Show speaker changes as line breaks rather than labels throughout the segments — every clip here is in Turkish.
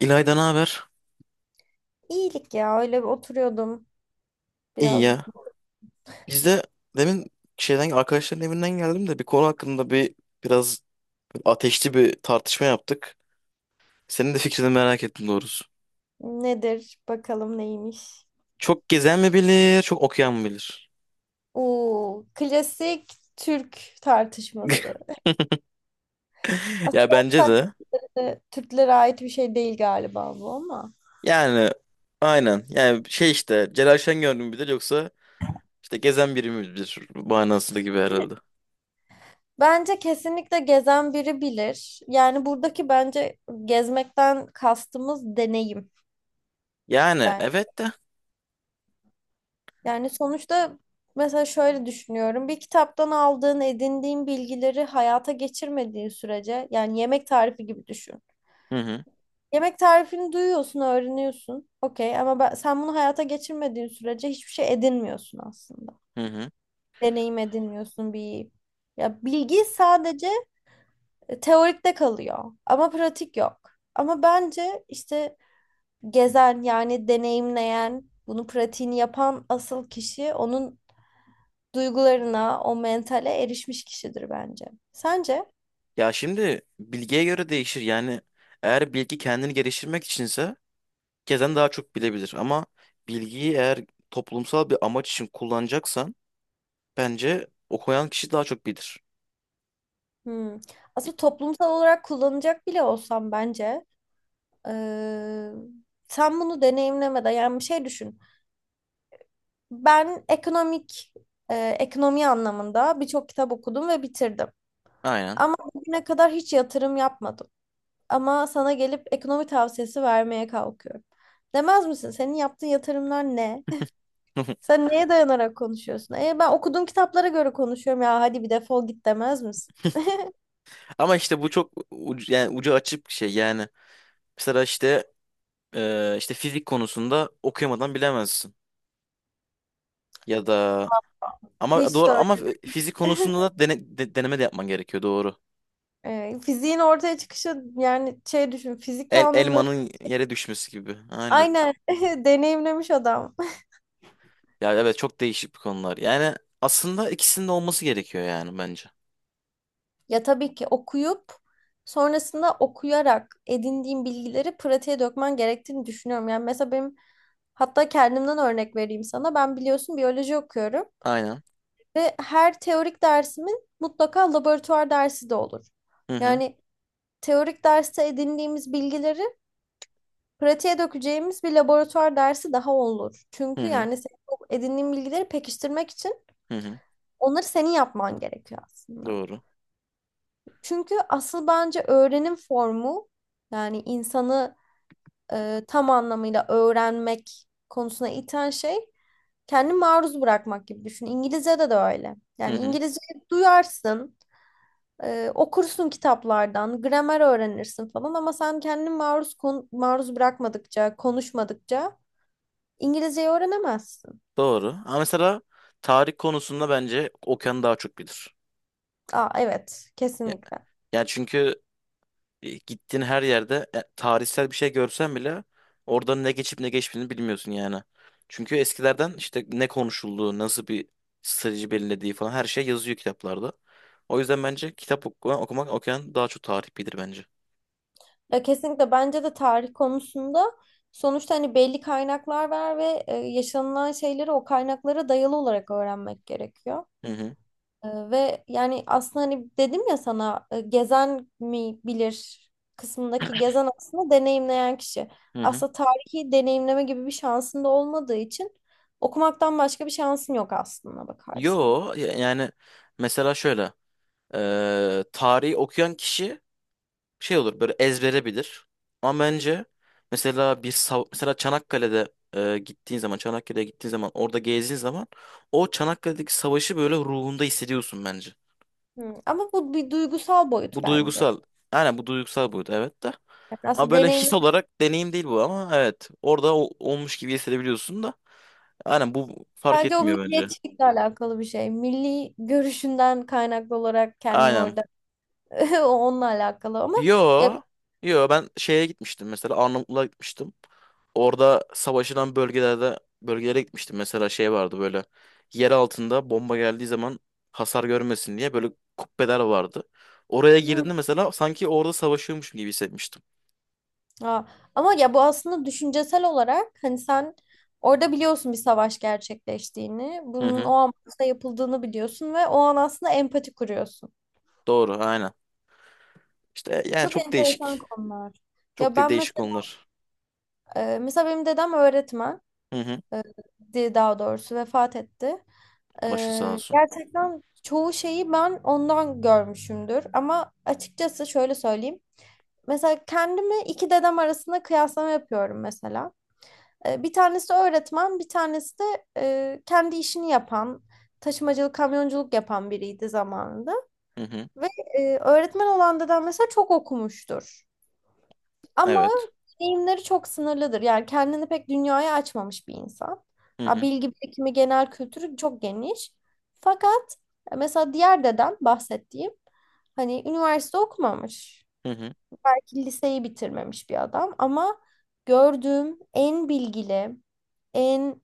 İlayda ne haber?
İyilik ya öyle bir oturuyordum
İyi
biraz.
ya. Biz de demin şeyden arkadaşların evinden geldim de bir konu hakkında biraz ateşli bir tartışma yaptık. Senin de fikrini merak ettim doğrusu.
Nedir bakalım neymiş?
Çok gezen mi bilir, çok okuyan mı bilir?
Oo, klasik Türk tartışması. Aslında
Ya
gerçi
bence de.
sadece de Türklere ait bir şey değil galiba bu ama.
Yani aynen. Yani şey işte Celal Şengör mü bilir yoksa işte gezen biri mi bilir manasında gibi herhalde.
Bence kesinlikle gezen biri bilir. Yani buradaki bence gezmekten kastımız deneyim
Yani
ben.
evet de.
Yani sonuçta mesela şöyle düşünüyorum. Bir kitaptan aldığın, edindiğin bilgileri hayata geçirmediğin sürece yani yemek tarifi gibi düşün.
Hı hı.
Yemek tarifini duyuyorsun, öğreniyorsun. Okey ama sen bunu hayata geçirmediğin sürece hiçbir şey edinmiyorsun aslında.
Hı hı.
Deneyim edinmiyorsun bir ya bilgi sadece teorikte kalıyor ama pratik yok. Ama bence işte gezen yani deneyimleyen, bunu pratiğini yapan asıl kişi onun duygularına, o mentale erişmiş kişidir bence. Sence?
Ya şimdi bilgiye göre değişir. Yani eğer bilgi kendini geliştirmek içinse herkesten daha çok bilebilir. Ama bilgiyi eğer toplumsal bir amaç için kullanacaksan bence okuyan kişi daha çok bilir.
Hmm. Aslında toplumsal olarak kullanacak bile olsam bence, Ee, sen bunu deneyimlemeden yani bir şey düşün. Ben ekonomik, ekonomi anlamında birçok kitap okudum ve bitirdim.
Aynen.
Ama bugüne kadar hiç yatırım yapmadım. Ama sana gelip ekonomi tavsiyesi vermeye kalkıyorum. Demez misin? Senin yaptığın yatırımlar ne? Sen neye dayanarak konuşuyorsun? Ben okuduğum kitaplara göre konuşuyorum ya hadi bir defol git demez misin?
Ama işte yani ucu açık bir şey yani. Mesela işte işte fizik konusunda okuyamadan bilemezsin. Ya da ama
Hiç de
doğru ama
öyle.
fizik konusunda da deneme de yapman gerekiyor doğru.
Fiziğin ortaya çıkışı yani şey düşün fizik kanunları
Elmanın yere düşmesi gibi. Aynen.
aynen deneyimlemiş adam.
Ya evet çok değişik bir konular. Yani aslında ikisinin de olması gerekiyor yani bence.
Ya tabii ki okuyup sonrasında okuyarak edindiğim bilgileri pratiğe dökmen gerektiğini düşünüyorum. Yani mesela benim, hatta kendimden örnek vereyim sana. Ben biliyorsun biyoloji okuyorum
Aynen.
ve her teorik dersimin mutlaka laboratuvar dersi de olur.
Hı hı.
Yani teorik derste edindiğimiz bilgileri pratiğe dökeceğimiz bir laboratuvar dersi daha olur.
Hı
Çünkü
hı.
yani senin o edindiğin bilgileri pekiştirmek için
Hı hı.
onları senin yapman gerekiyor aslında.
Doğru.
Çünkü asıl bence öğrenim formu yani insanı, tam anlamıyla öğrenmek konusuna iten şey kendi maruz bırakmak gibi düşün. İngilizce'de de öyle.
Hı
Yani
hı.
İngilizce duyarsın, okursun kitaplardan, gramer öğrenirsin falan ama sen kendini maruz bırakmadıkça, konuşmadıkça İngilizceyi öğrenemezsin.
Doğru. Ama mesela tarih konusunda bence Okan daha çok bilir.
Aa evet,
Ya,
kesinlikle.
yani çünkü gittiğin her yerde tarihsel bir şey görsen bile orada ne geçip ne geçmediğini bilmiyorsun yani. Çünkü eskilerden işte ne konuşulduğu, nasıl bir strateji belirlediği falan her şey yazıyor kitaplarda. O yüzden bence okumak Okan daha çok tarih bilir bence.
Ya kesinlikle bence de tarih konusunda sonuçta hani belli kaynaklar var ve yaşanılan şeyleri o kaynaklara dayalı olarak öğrenmek gerekiyor.
Hı hı.
Ve yani aslında hani dedim ya sana, gezen mi bilir kısmındaki gezen aslında deneyimleyen kişi.
Hı hı.
Aslında tarihi deneyimleme gibi bir şansın da olmadığı için okumaktan başka bir şansın yok aslında bakarsan.
Yani mesela şöyle tarihi okuyan kişi şey olur böyle ezbere bilir. Ama bence mesela mesela gittiğin zaman Çanakkale'ye gittiğin zaman orada gezdiğin zaman o Çanakkale'deki savaşı böyle ruhunda hissediyorsun bence.
Hı, ama bu bir duygusal boyut
Bu
bence.
duygusal. Aynen bu duygusal buydu evet de.
Yani
Ama
aslında
böyle
deneyim.
his olarak deneyim değil bu ama evet orada olmuş gibi hissedebiliyorsun da. Aynen bu fark
Bence o
etmiyor bence.
milliyetçilikle alakalı bir şey. Milli görüşünden kaynaklı olarak kendini
Aynen.
orada o onunla alakalı ama ya
Yo. Yo ben şeye gitmiştim mesela Arnavutluğa gitmiştim. Orada savaşılan bölgelere gitmiştim. Mesela şey vardı böyle yer altında bomba geldiği zaman hasar görmesin diye böyle kubbeler vardı. Oraya
hmm,
girdiğimde mesela sanki orada savaşıyormuşum gibi hissetmiştim.
ha. Ama ya bu aslında düşüncesel olarak hani sen orada biliyorsun bir savaş gerçekleştiğini,
Hı
bunun
hı.
o amaçla yapıldığını biliyorsun ve o an aslında empati kuruyorsun.
Doğru aynen. İşte yani
Çok
çok
enteresan
değişik.
konular.
Çok
Ya
de
ben
değişik
mesela,
konular.
mesela benim dedem öğretmen,
Hı hı.
e, daha doğrusu vefat etti.
Başı sağ olsun.
Gerçekten çoğu şeyi ben ondan görmüşümdür. Ama açıkçası şöyle söyleyeyim. Mesela kendimi iki dedem arasında kıyaslama yapıyorum mesela. Bir tanesi öğretmen, bir tanesi de, kendi işini yapan, taşımacılık, kamyonculuk yapan biriydi zamanında.
Hı hı.
Ve, öğretmen olan dedem mesela çok okumuştur. Ama
Evet.
deneyimleri çok sınırlıdır. Yani kendini pek dünyaya açmamış bir insan.
Hı
Ha,
hı.
bilgi birikimi, genel kültürü çok geniş. Fakat, mesela diğer dedem bahsettiğim hani üniversite okumamış.
Hı hı.
Belki liseyi bitirmemiş bir adam ama gördüğüm en bilgili, en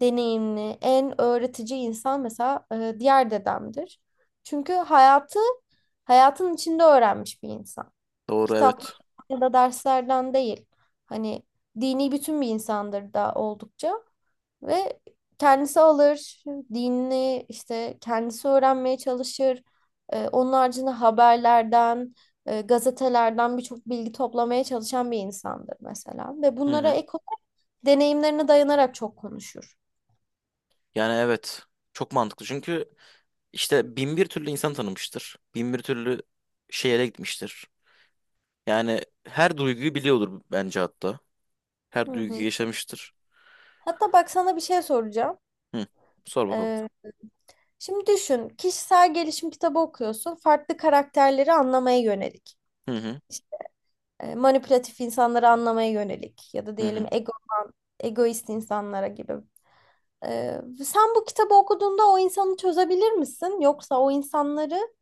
deneyimli, en öğretici insan mesela diğer dedemdir. Çünkü hayatı hayatın içinde öğrenmiş bir insan,
Doğru
kitaplardan
evet.
ya da derslerden değil. Hani dini bütün bir insandır da oldukça ve kendisi alır, dinini işte kendisi öğrenmeye çalışır. Onun haricinde haberlerden, gazetelerden birçok bilgi toplamaya çalışan bir insandır mesela. Ve
Hı
bunlara
hı.
ek deneyimlerine dayanarak çok konuşur.
Yani evet. Çok mantıklı çünkü İşte bin bir türlü insan tanımıştır. Bin bir türlü şehre gitmiştir. Yani her duyguyu biliyordur bence hatta.
Hı
Her duyguyu
hı.
yaşamıştır.
Hatta bak sana bir şey soracağım.
Hı. Sor bakalım.
Ee, Şimdi düşün, kişisel gelişim kitabı okuyorsun. Farklı karakterleri anlamaya yönelik.
Hı hı.
İşte, manipülatif insanları anlamaya yönelik ya da
Hı
diyelim
hı.
ego, egoist insanlara gibi. Sen bu kitabı okuduğunda o insanı çözebilir misin? Yoksa o insanları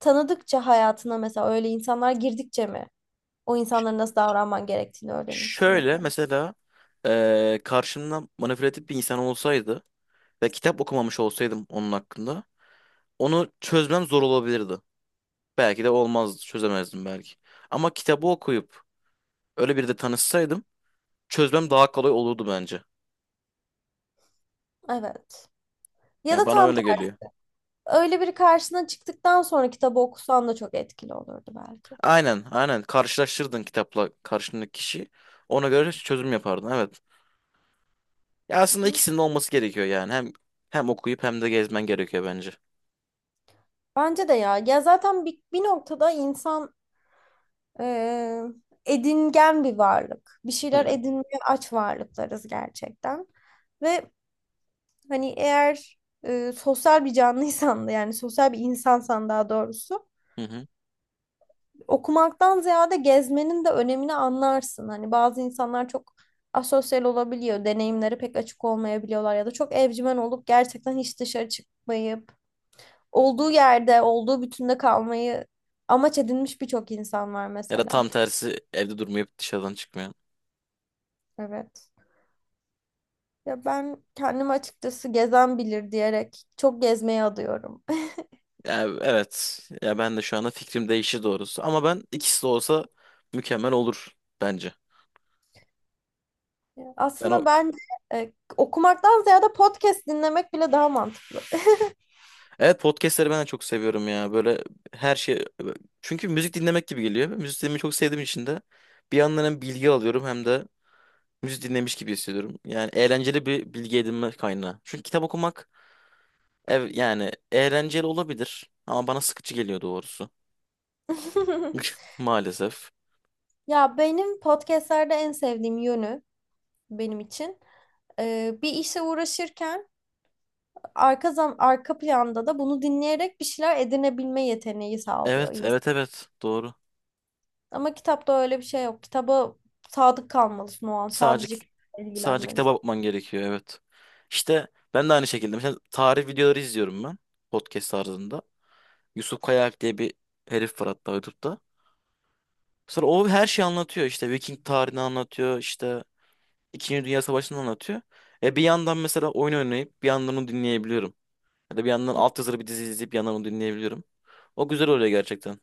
tanıdıkça hayatına mesela öyle insanlar girdikçe mi o insanlara nasıl davranman gerektiğini öğrenirsin
Şöyle
mesela?
mesela karşımda manipülatif bir insan olsaydı ve kitap okumamış olsaydım onun hakkında onu çözmem zor olabilirdi. Belki de olmazdı, çözemezdim belki. Ama kitabı okuyup öyle biri de tanışsaydım çözmem daha kolay olurdu bence.
Evet. Ya
Ya
da
bana
tam
öyle
tersi.
geliyor.
Öyle biri karşına çıktıktan sonra kitabı okusan da çok etkili olurdu belki.
Aynen, aynen. Karşılaştırdın kitapla karşındaki kişi. Ona göre çözüm yapardın. Evet. Ya aslında
Hı?
ikisinin de olması gerekiyor yani. Hem okuyup hem de gezmen gerekiyor bence.
Bence de ya. Ya zaten bir noktada insan, Ee, edingen bir varlık. Bir
Hı
şeyler
hı.
edinmeye aç varlıklarız gerçekten. Ve hani eğer, sosyal bir canlıysan da yani sosyal bir insansan daha doğrusu
Hı hı.
okumaktan ziyade gezmenin de önemini anlarsın. Hani bazı insanlar çok asosyal olabiliyor. Deneyimleri pek açık olmayabiliyorlar ya da çok evcimen olup gerçekten hiç dışarı çıkmayıp olduğu yerde, olduğu bütünde kalmayı amaç edinmiş birçok insan var
Ya da
mesela.
tam tersi evde durmayıp dışarıdan çıkmıyor.
Evet. Ya ben kendim açıkçası gezen bilir diyerek çok gezmeye adıyorum.
Ya evet. Ya ben de şu anda fikrim değişti doğrusu. Ama ben ikisi de olsa mükemmel olur bence. Ben
Aslında
o
ben, okumaktan ziyade podcast dinlemek bile daha mantıklı.
evet, podcastleri ben de çok seviyorum ya. Böyle her şey çünkü müzik dinlemek gibi geliyor. Müzik dinlemeyi çok sevdiğim için de bir yandan hem bilgi alıyorum hem de müzik dinlemiş gibi hissediyorum. Yani eğlenceli bir bilgi edinme kaynağı. Çünkü yani eğlenceli olabilir ama bana sıkıcı geliyor doğrusu. Maalesef.
Ya benim podcastlerde en sevdiğim yönü benim için, bir işe uğraşırken arka planda da bunu dinleyerek bir şeyler edinebilme yeteneği sağlıyor
Evet,
insan.
evet, evet. Doğru.
Ama kitapta öyle bir şey yok. Kitaba sadık kalmalısın o an.
Sadece
Sadece kitapla
sadece
ilgilenmelisin.
kitaba bakman gerekiyor, evet. İşte ben de aynı şekilde mesela tarih videoları izliyorum ben podcast tarzında. Yusuf Kayak diye bir herif var hatta YouTube'da. Sonra o her şeyi anlatıyor. İşte Viking tarihini anlatıyor, işte İkinci Dünya Savaşı'nı anlatıyor. E bir yandan mesela oyun oynayıp bir yandan onu dinleyebiliyorum. Ya da bir yandan altyazılı bir dizi izleyip bir yandan onu dinleyebiliyorum. O güzel oluyor gerçekten.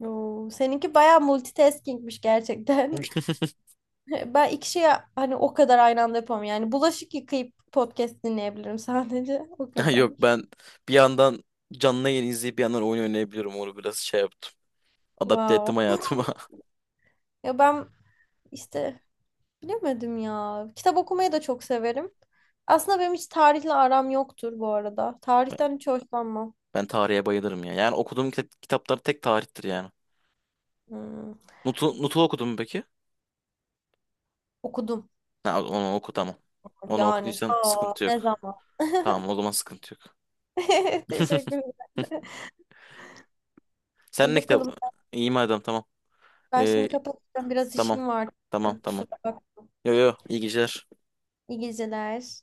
Oo, seninki bayağı multitaskingmiş gerçekten. Ben iki şeyi hani o kadar aynı anda yapamam. Yani bulaşık yıkayıp podcast dinleyebilirim sadece. O
Ya
kadar.
Yok ben bir yandan canlı yayın izleyip bir yandan oyun oynayabiliyorum. Onu biraz şey yaptım. Adapte
Wow.
ettim hayatıma.
Ya ben işte bilemedim ya. Kitap okumayı da çok severim. Aslında benim hiç tarihle aram yoktur bu arada.
Ben
Tarihten hiç hoşlanmam.
ben tarihe bayılırım ya. Yani okuduğum kitaplar tek tarihtir yani.
Hmm.
Nut'u okudun mu peki?
Okudum.
Ha, onu oku tamam. Onu
Yani.
okuduysan
Aa,
sıkıntı
ne
yok.
zaman?
Tamam o zaman sıkıntı yok.
Teşekkür ederim.
Sen
İyi
ne kitap?
bakalım.
İyi madem tamam.
Ben şimdi
Ee,
kapatacağım. Biraz
tamam.
işim var
Tamam
çünkü.
tamam.
Kusura bak.
Yo yo, iyi geceler.
İyi geceler.